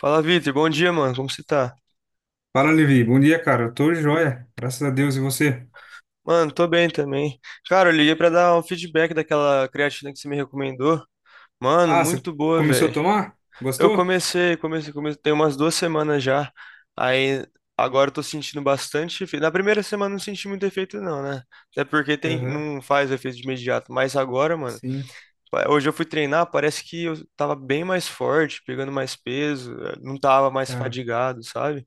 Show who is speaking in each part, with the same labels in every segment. Speaker 1: Fala, Vitor. Bom dia, mano. Como você tá?
Speaker 2: Fala, Levi. Bom dia, cara. Eu tô joia. Graças a Deus. E você?
Speaker 1: Mano, tô bem também. Cara, eu liguei pra dar um feedback daquela creatina que você me recomendou. Mano,
Speaker 2: Ah, você
Speaker 1: muito boa,
Speaker 2: começou a
Speaker 1: velho.
Speaker 2: tomar?
Speaker 1: Eu
Speaker 2: Gostou?
Speaker 1: comecei, comecei, comecei, tem umas 2 semanas já. Aí agora eu tô sentindo bastante efeito. Na primeira semana eu não senti muito efeito, não, né? Até porque tem,
Speaker 2: Aham.
Speaker 1: não faz efeito de imediato. Mas agora, mano,
Speaker 2: Sim,
Speaker 1: hoje eu fui treinar, parece que eu tava bem mais forte, pegando mais peso, não tava mais
Speaker 2: cara.
Speaker 1: fadigado, sabe?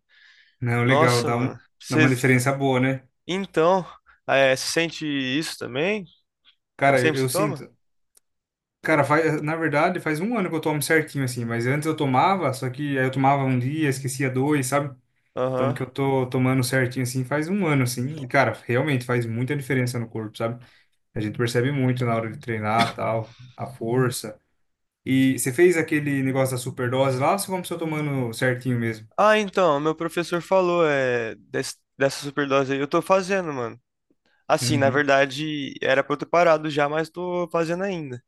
Speaker 2: Não, legal.
Speaker 1: Nossa,
Speaker 2: Dá
Speaker 1: mano.
Speaker 2: uma, dá
Speaker 1: Você
Speaker 2: uma diferença boa, né?
Speaker 1: Então, você sente isso também? Faz
Speaker 2: Cara, eu,
Speaker 1: tempo que você
Speaker 2: eu
Speaker 1: toma?
Speaker 2: sinto. Cara, faz, na verdade, faz um ano que eu tomo certinho, assim. Mas antes eu tomava, só que aí eu tomava um dia, esquecia dois, sabe? Então,
Speaker 1: Aham.
Speaker 2: que eu tô tomando certinho, assim, faz um ano, assim. E, cara, realmente faz muita diferença no corpo, sabe? A gente percebe muito na hora de treinar, tal, a força. E você fez aquele negócio da superdose lá ou você começou tomando certinho mesmo?
Speaker 1: Ah, então, meu professor falou dessa superdose aí. Eu tô fazendo, mano. Assim, na
Speaker 2: Uhum.
Speaker 1: verdade, era pra eu ter parado já, mas tô fazendo ainda.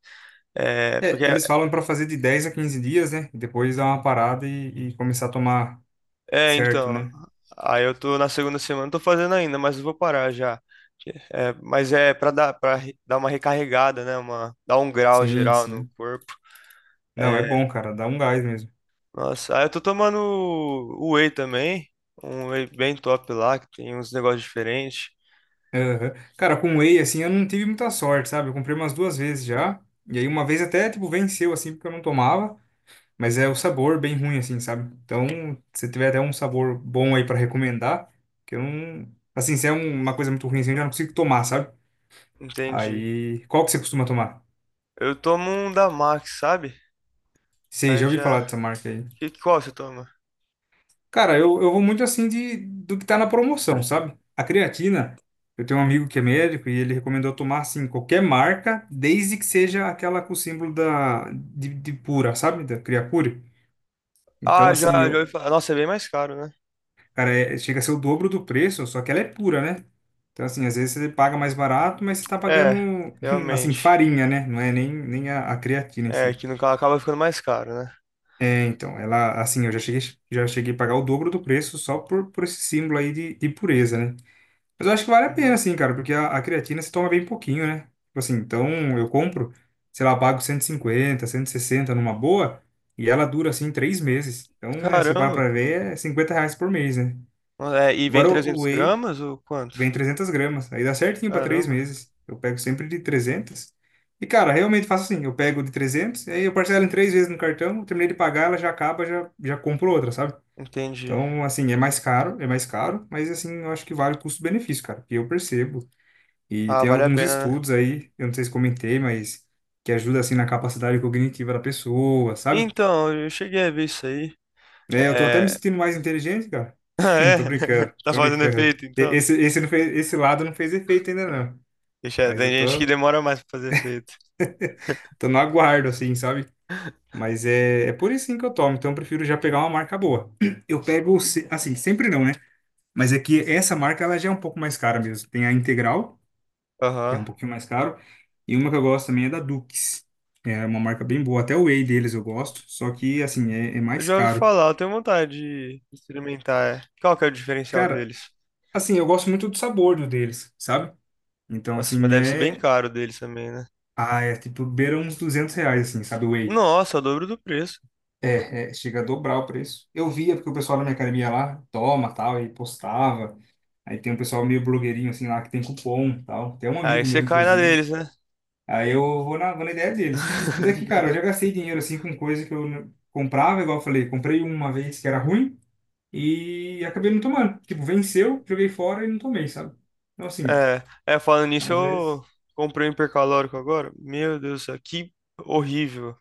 Speaker 1: É,
Speaker 2: É,
Speaker 1: porque,
Speaker 2: eles falam pra fazer de 10 a 15 dias, né? Depois dar uma parada e começar a tomar
Speaker 1: é,
Speaker 2: certo,
Speaker 1: então,
Speaker 2: né?
Speaker 1: aí eu tô na segunda semana, tô fazendo ainda, mas eu vou parar já. É, mas é pra dar, pra dar uma recarregada, né? Uma, dar um grau
Speaker 2: Sim,
Speaker 1: geral no
Speaker 2: sim.
Speaker 1: corpo.
Speaker 2: Não,
Speaker 1: É.
Speaker 2: é bom, cara, dá um gás mesmo.
Speaker 1: Nossa, ah, eu tô tomando o whey também, um whey bem top lá, que tem uns negócios diferentes.
Speaker 2: Aham. Cara, com whey, assim, eu não tive muita sorte, sabe? Eu comprei umas duas vezes já. E aí uma vez até, tipo, venceu, assim, porque eu não tomava. Mas é o sabor bem ruim, assim, sabe? Então, se tiver até um sabor bom aí pra recomendar, que eu não. Assim, se é uma coisa muito ruim, assim, eu já não consigo tomar, sabe?
Speaker 1: Entendi.
Speaker 2: Aí, qual que você costuma tomar?
Speaker 1: Eu tomo um da Max, sabe?
Speaker 2: Sei, já
Speaker 1: Mas
Speaker 2: ouvi falar
Speaker 1: já.
Speaker 2: dessa marca aí.
Speaker 1: Que, qual você toma?
Speaker 2: Cara, eu vou muito assim de do que tá na promoção, sabe? A creatina, eu tenho um amigo que é médico e ele recomendou tomar assim qualquer marca, desde que seja aquela com o símbolo da de pura, sabe? Da Creapure. Então
Speaker 1: Ah, já,
Speaker 2: assim,
Speaker 1: já
Speaker 2: eu,
Speaker 1: ouvi falar. Nossa, é bem mais caro, né?
Speaker 2: cara, chega a ser o dobro do preço, só que ela é pura, né? Então assim, às vezes você paga mais barato, mas você tá
Speaker 1: É,
Speaker 2: pagando assim
Speaker 1: realmente.
Speaker 2: farinha, né? Não é nem a creatina em
Speaker 1: É,
Speaker 2: si.
Speaker 1: que no caso acaba ficando mais caro, né?
Speaker 2: É, então, ela, assim, eu já cheguei a pagar o dobro do preço só por esse símbolo aí de pureza, né? Mas eu acho que vale a pena,
Speaker 1: Uhum.
Speaker 2: assim, cara, porque a creatina se toma bem pouquinho, né? Tipo assim, então eu compro, sei lá, pago 150, 160 numa boa, e ela dura, assim, 3 meses. Então, né, você para
Speaker 1: Caramba.
Speaker 2: pra ver, é R$ 50 por mês, né?
Speaker 1: É, e vem
Speaker 2: Agora, o
Speaker 1: 300
Speaker 2: whey,
Speaker 1: gramas ou quanto?
Speaker 2: vem 300 gramas. Aí dá certinho para três
Speaker 1: Caramba,
Speaker 2: meses. Eu pego sempre de 300. E, cara, realmente faço assim. Eu pego de 300, aí eu parcelo em três vezes no cartão. Terminei de pagar, ela já acaba, já compro outra, sabe?
Speaker 1: entendi.
Speaker 2: Então, assim, é mais caro, mas, assim, eu acho que vale o custo-benefício, cara, que eu percebo. E
Speaker 1: Ah,
Speaker 2: tem
Speaker 1: vale a
Speaker 2: alguns
Speaker 1: pena, né?
Speaker 2: estudos aí, eu não sei se comentei, mas que ajuda, assim, na capacidade cognitiva da pessoa, sabe?
Speaker 1: Então, eu cheguei a ver isso aí.
Speaker 2: É, eu tô até me
Speaker 1: É.
Speaker 2: sentindo mais inteligente, cara.
Speaker 1: Ah, é?
Speaker 2: Tô brincando,
Speaker 1: Tá
Speaker 2: tô
Speaker 1: fazendo
Speaker 2: brincando.
Speaker 1: efeito,
Speaker 2: E-
Speaker 1: então?
Speaker 2: Esse, esse, não fez, esse lado não fez efeito ainda, não.
Speaker 1: Deixa,
Speaker 2: Mas
Speaker 1: tem
Speaker 2: eu
Speaker 1: gente que
Speaker 2: tô,
Speaker 1: demora mais pra fazer efeito.
Speaker 2: tô no aguardo, assim, sabe? Mas é por isso sim que eu tomo, então eu prefiro já pegar uma marca boa. Eu pego, assim, sempre não, né? Mas é que essa marca, ela já é um pouco mais cara mesmo. Tem a Integral, que é
Speaker 1: Aham.
Speaker 2: um pouquinho mais caro, e uma que eu gosto também é da Dukes. É uma marca bem boa, até o whey deles eu gosto, só que, assim, é
Speaker 1: Eu
Speaker 2: mais
Speaker 1: já ouvi
Speaker 2: caro.
Speaker 1: falar, eu tenho vontade de experimentar. É. Qual que é o diferencial
Speaker 2: Cara,
Speaker 1: deles?
Speaker 2: assim, eu gosto muito do sabor do deles, sabe? Então,
Speaker 1: Nossa, mas
Speaker 2: assim,
Speaker 1: deve ser bem
Speaker 2: é...
Speaker 1: caro deles também, né?
Speaker 2: Ah, é tipo, beira uns R$ 200, assim, sabe? O whey.
Speaker 1: Nossa, o dobro do preço.
Speaker 2: É, chega a dobrar o preço. Eu via porque o pessoal da minha academia lá toma, tal, e postava. Aí tem um pessoal meio blogueirinho, assim, lá que tem cupom, tal. Tem um
Speaker 1: Aí
Speaker 2: amigo meu,
Speaker 1: você cai na
Speaker 2: inclusive.
Speaker 1: deles, né?
Speaker 2: Aí eu vou na ideia deles. Mas é que, cara, eu já gastei dinheiro, assim, com coisa que eu comprava, igual eu falei. Comprei uma vez que era ruim e acabei não tomando. Tipo, venceu, joguei fora e não tomei, sabe? Então, assim,
Speaker 1: É, é, falando nisso,
Speaker 2: às vezes...
Speaker 1: eu comprei um hipercalórico agora. Meu Deus do céu, que horrível.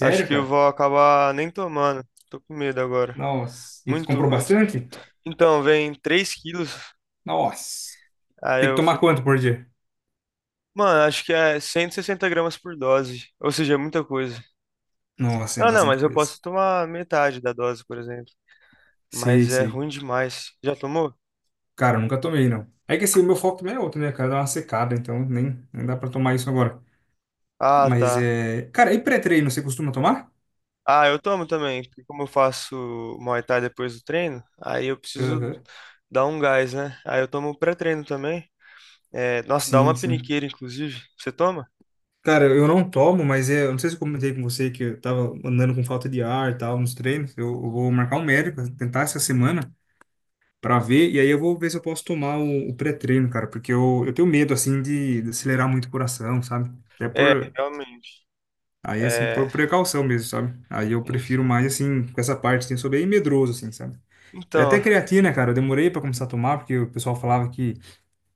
Speaker 1: Acho que eu
Speaker 2: cara?
Speaker 1: vou acabar nem tomando. Tô com medo agora.
Speaker 2: Nossa. E
Speaker 1: Muito
Speaker 2: comprou
Speaker 1: ruim.
Speaker 2: bastante?
Speaker 1: Então, vem 3 quilos.
Speaker 2: Nossa.
Speaker 1: Aí
Speaker 2: Tem que
Speaker 1: eu
Speaker 2: tomar
Speaker 1: fui.
Speaker 2: quanto por dia?
Speaker 1: Mano, acho que é 160 gramas por dose. Ou seja, é muita coisa.
Speaker 2: Nossa, é
Speaker 1: Ah, não,
Speaker 2: bastante
Speaker 1: mas eu
Speaker 2: coisa.
Speaker 1: posso tomar metade da dose, por exemplo.
Speaker 2: Sei,
Speaker 1: Mas é
Speaker 2: sei.
Speaker 1: ruim demais. Já tomou?
Speaker 2: Cara, eu nunca tomei, não. É que assim, o meu foco também é outro, né, cara? Dá uma secada, então nem dá pra tomar isso agora.
Speaker 1: Ah,
Speaker 2: Mas
Speaker 1: tá.
Speaker 2: é. Cara, e pré-treino, você costuma tomar?
Speaker 1: Ah, eu tomo também, porque como eu faço Muay Thai depois do treino, aí eu preciso
Speaker 2: Aham.
Speaker 1: dar um gás, né? Aí eu tomo pré-treino também. É, nossa, dá
Speaker 2: Sim,
Speaker 1: uma
Speaker 2: sim.
Speaker 1: peniqueira, inclusive. Você toma?
Speaker 2: Cara, eu não tomo, mas é. Eu não sei se eu comentei com você que eu tava andando com falta de ar e tal nos treinos. Eu vou marcar um médico, tentar essa semana pra ver, e aí eu vou ver se eu posso tomar o pré-treino, cara, porque eu tenho medo, assim, de acelerar muito o coração, sabe? Até
Speaker 1: É,
Speaker 2: por.
Speaker 1: realmente.
Speaker 2: Aí, assim,
Speaker 1: É,
Speaker 2: por precaução mesmo, sabe? Aí eu prefiro
Speaker 1: enfim.
Speaker 2: mais, assim, com essa parte, assim, eu sou bem medroso, assim, sabe? É. Até
Speaker 1: Então,
Speaker 2: creatina, cara, eu demorei pra começar a tomar, porque o pessoal falava que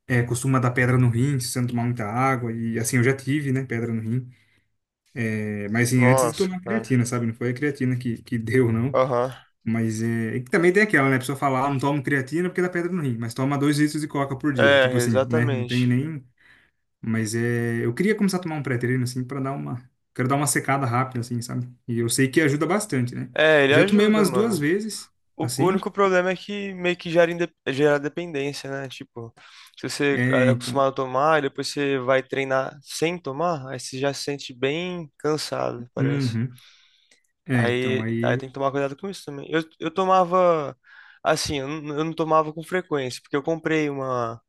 Speaker 2: costuma dar pedra no rim se você não tomar muita água, e assim, eu já tive, né, pedra no rim. É, mas assim, antes de
Speaker 1: nossa,
Speaker 2: tomar
Speaker 1: cara.
Speaker 2: creatina, sabe? Não foi a creatina que deu, não.
Speaker 1: Aham.
Speaker 2: Mas é, e que também tem aquela, né, a pessoa fala, ah, não tomo creatina porque dá pedra no rim, mas toma 2 litros de coca por dia,
Speaker 1: É,
Speaker 2: tipo assim, né, não tem
Speaker 1: exatamente.
Speaker 2: nem... Mas é, eu queria começar a tomar um pré-treino, assim, pra dar uma... Quero dar uma secada rápida, assim, sabe? E eu sei que ajuda bastante, né?
Speaker 1: É, ele
Speaker 2: Eu já tomei
Speaker 1: ajuda,
Speaker 2: umas duas
Speaker 1: mano.
Speaker 2: vezes,
Speaker 1: O
Speaker 2: assim,
Speaker 1: único problema é que meio que gera dependência, né? Tipo, se você
Speaker 2: é,
Speaker 1: é
Speaker 2: então...
Speaker 1: acostumado a tomar e depois você vai treinar sem tomar, aí você já se sente bem cansado, parece.
Speaker 2: Uhum. É, então
Speaker 1: Aí
Speaker 2: aí,
Speaker 1: tem que tomar cuidado com isso também. Eu tomava, assim, eu não tomava com frequência, porque eu comprei uma,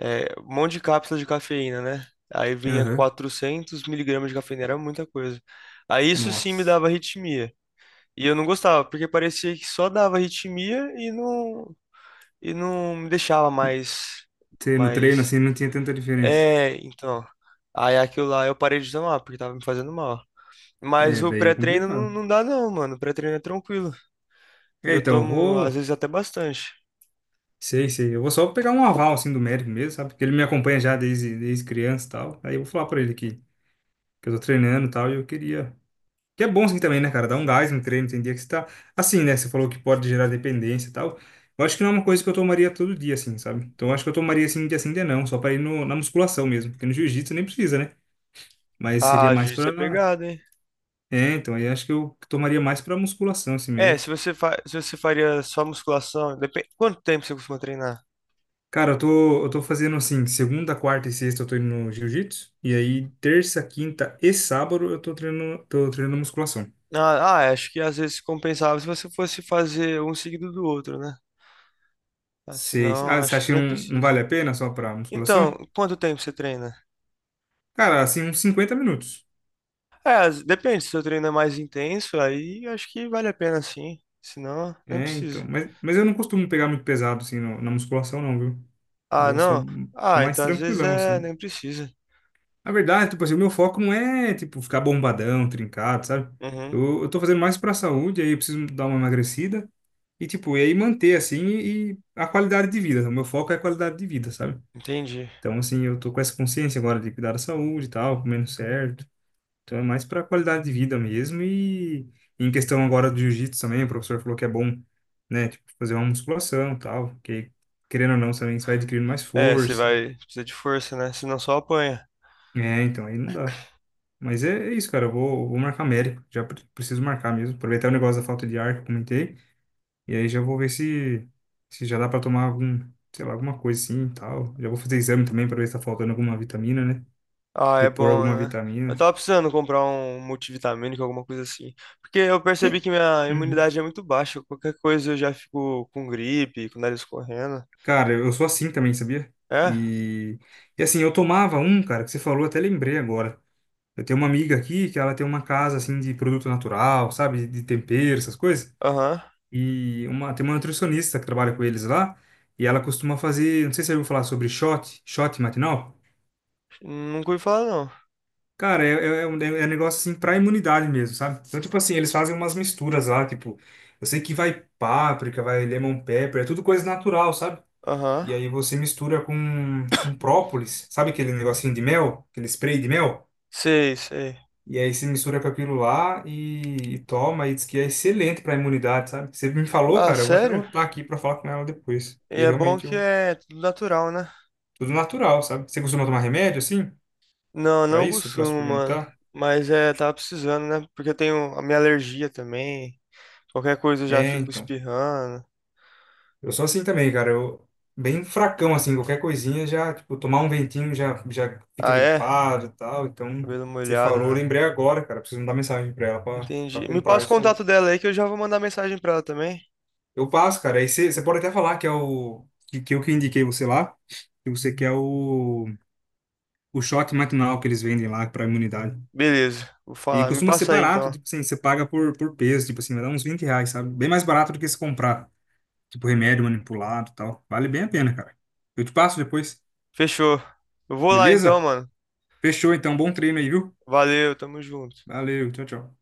Speaker 1: um monte de cápsula de cafeína, né? Aí vinha
Speaker 2: aham.
Speaker 1: 400 miligramas de cafeína, era muita coisa. Aí isso sim me
Speaker 2: Nossa.
Speaker 1: dava arritmia. E eu não gostava, porque parecia que só dava arritmia e não me deixava mais,
Speaker 2: Ter no treino
Speaker 1: mais,
Speaker 2: assim não tinha tanta diferença.
Speaker 1: é, então, aí aquilo lá eu parei de tomar, porque tava me fazendo mal. Mas
Speaker 2: É,
Speaker 1: o
Speaker 2: daí é
Speaker 1: pré-treino não,
Speaker 2: complicado.
Speaker 1: não dá não, mano, o pré-treino é tranquilo, e
Speaker 2: É,
Speaker 1: eu
Speaker 2: então
Speaker 1: tomo, às vezes, até bastante.
Speaker 2: sei, sei, eu vou só pegar um aval assim do médico mesmo, sabe? Porque ele me acompanha já desde criança e tal. Aí eu vou falar pra ele que eu tô treinando e tal e eu queria. Que é bom assim também, né, cara? Dar um gás no treino, tem dia que você tá. Assim, né? Você falou que pode gerar dependência e tal. Eu acho que não é uma coisa que eu tomaria todo dia, assim, sabe? Então eu acho que eu tomaria assim, um dia sim, um dia não, só pra ir no, na musculação mesmo. Porque no jiu-jitsu nem precisa, né? Mas seria
Speaker 1: Ah,
Speaker 2: mais
Speaker 1: jiu-jitsu é
Speaker 2: pra.
Speaker 1: pegado, hein?
Speaker 2: É, então, aí acho que eu tomaria mais pra musculação assim
Speaker 1: É,
Speaker 2: mesmo.
Speaker 1: se você faria só musculação, depende, quanto tempo você costuma treinar?
Speaker 2: Cara, eu tô fazendo assim, segunda, quarta e sexta eu tô indo no jiu-jitsu, e aí terça, quinta e sábado eu tô treinando, musculação.
Speaker 1: Ah, acho que às vezes compensava se você fosse fazer um seguido do outro, né? Ah,
Speaker 2: Seis.
Speaker 1: senão,
Speaker 2: Ah, você
Speaker 1: acho
Speaker 2: acha
Speaker 1: que
Speaker 2: que
Speaker 1: nem
Speaker 2: não, não
Speaker 1: precisa.
Speaker 2: vale a pena só pra
Speaker 1: Então,
Speaker 2: musculação?
Speaker 1: quanto tempo você treina?
Speaker 2: Cara, assim, uns 50 minutos.
Speaker 1: É, depende, se o treino é mais intenso, aí acho que vale a pena sim. Se não, nem
Speaker 2: É, então,
Speaker 1: precisa.
Speaker 2: mas eu não costumo pegar muito pesado assim na musculação não, viu?
Speaker 1: Ah,
Speaker 2: Eu sou,
Speaker 1: não?
Speaker 2: sou
Speaker 1: Ah,
Speaker 2: mais
Speaker 1: então às vezes
Speaker 2: tranquilão
Speaker 1: é,
Speaker 2: assim.
Speaker 1: nem precisa.
Speaker 2: Na verdade, tipo assim, o meu foco não é, tipo, ficar bombadão, trincado, sabe?
Speaker 1: Uhum,
Speaker 2: Eu tô fazendo mais pra saúde, aí eu preciso dar uma emagrecida e, tipo, e aí manter, assim, e a qualidade de vida. O meu foco é a qualidade de vida, sabe?
Speaker 1: entendi.
Speaker 2: Então, assim, eu tô com essa consciência agora de cuidar da saúde e tal, comendo certo. Então, é mais pra qualidade de vida mesmo e em questão agora do jiu-jitsu também, o professor falou que é bom, né, tipo, fazer uma musculação e tal, que querendo ou não, também você vai adquirindo mais
Speaker 1: É, você
Speaker 2: força.
Speaker 1: vai, precisa de força, né? Senão só apanha.
Speaker 2: É, então, aí não dá. Mas é isso, cara. Eu vou marcar médico. Já preciso marcar mesmo. Aproveitar o negócio da falta de ar que eu comentei. E aí já vou ver se já dá pra tomar algum, sei lá, alguma coisa assim e tal. Já vou fazer exame também pra ver se tá faltando alguma vitamina, né?
Speaker 1: Ah, é
Speaker 2: Repor
Speaker 1: bom,
Speaker 2: alguma
Speaker 1: né? Eu
Speaker 2: vitamina.
Speaker 1: tava precisando comprar um multivitamínico, alguma coisa assim. Porque eu percebi
Speaker 2: Te-
Speaker 1: que minha
Speaker 2: Uhum.
Speaker 1: imunidade é muito baixa. Qualquer coisa eu já fico com gripe, com o nariz correndo.
Speaker 2: Cara, eu sou assim também, sabia?
Speaker 1: É?
Speaker 2: E, e assim, eu tomava um, cara, que você falou, até lembrei agora. Eu tenho uma amiga aqui que ela tem uma casa assim de produto natural, sabe? De tempero, essas coisas.
Speaker 1: Aham.
Speaker 2: Tem uma nutricionista que trabalha com eles lá, e ela costuma fazer, não sei se você ouviu falar sobre shot matinal.
Speaker 1: Nunca ouvi falar, não.
Speaker 2: Cara, é um negócio assim pra imunidade mesmo, sabe? Então, tipo assim, eles fazem umas misturas lá, tipo, eu sei que vai páprica, vai lemon pepper, é tudo coisa natural, sabe?
Speaker 1: Aham.
Speaker 2: E aí você mistura com própolis, sabe aquele negocinho de mel, aquele spray de mel?
Speaker 1: Sei, sei.
Speaker 2: E aí você mistura com aquilo lá e toma, e diz que é excelente pra imunidade, sabe? Você me falou,
Speaker 1: Ah,
Speaker 2: cara, eu vou até
Speaker 1: sério?
Speaker 2: anotar aqui pra falar com ela depois,
Speaker 1: E
Speaker 2: que
Speaker 1: é bom
Speaker 2: realmente
Speaker 1: que
Speaker 2: eu.
Speaker 1: é tudo natural, né?
Speaker 2: Tudo natural, sabe? Você costuma tomar remédio assim?
Speaker 1: Não,
Speaker 2: Pra
Speaker 1: não
Speaker 2: isso? Pra
Speaker 1: consumo, mano.
Speaker 2: suplementar?
Speaker 1: Mas é, tava precisando, né? Porque eu tenho a minha alergia também. Qualquer coisa eu já
Speaker 2: É,
Speaker 1: fico
Speaker 2: então.
Speaker 1: espirrando.
Speaker 2: Eu sou assim também, cara. Eu bem fracão assim, qualquer coisinha já, tipo, tomar um ventinho já fica
Speaker 1: Ah, é?
Speaker 2: gripado e tal. Então,
Speaker 1: Cabelo
Speaker 2: você
Speaker 1: molhado,
Speaker 2: falou, eu
Speaker 1: né?
Speaker 2: lembrei agora, cara. Preciso mandar mensagem pra ela pra
Speaker 1: Entendi. Me
Speaker 2: comprar
Speaker 1: passa o
Speaker 2: isso aí.
Speaker 1: contato dela aí que eu já vou mandar mensagem pra ela também.
Speaker 2: Eu passo, cara. Aí você pode até falar que é o que eu que indiquei você lá, que você quer o shot matinal que eles vendem lá pra imunidade.
Speaker 1: Beleza, vou
Speaker 2: E
Speaker 1: falar. Me
Speaker 2: costuma ser
Speaker 1: passa aí
Speaker 2: barato,
Speaker 1: então.
Speaker 2: tipo assim, você paga por peso, tipo assim, vai dar uns R$ 20, sabe? Bem mais barato do que se comprar. Tipo, remédio manipulado e tal. Vale bem a pena, cara. Eu te passo depois,
Speaker 1: Fechou. Eu vou lá então,
Speaker 2: beleza?
Speaker 1: mano.
Speaker 2: Fechou, então. Bom treino aí, viu?
Speaker 1: Valeu, tamo junto.
Speaker 2: Valeu, tchau, tchau.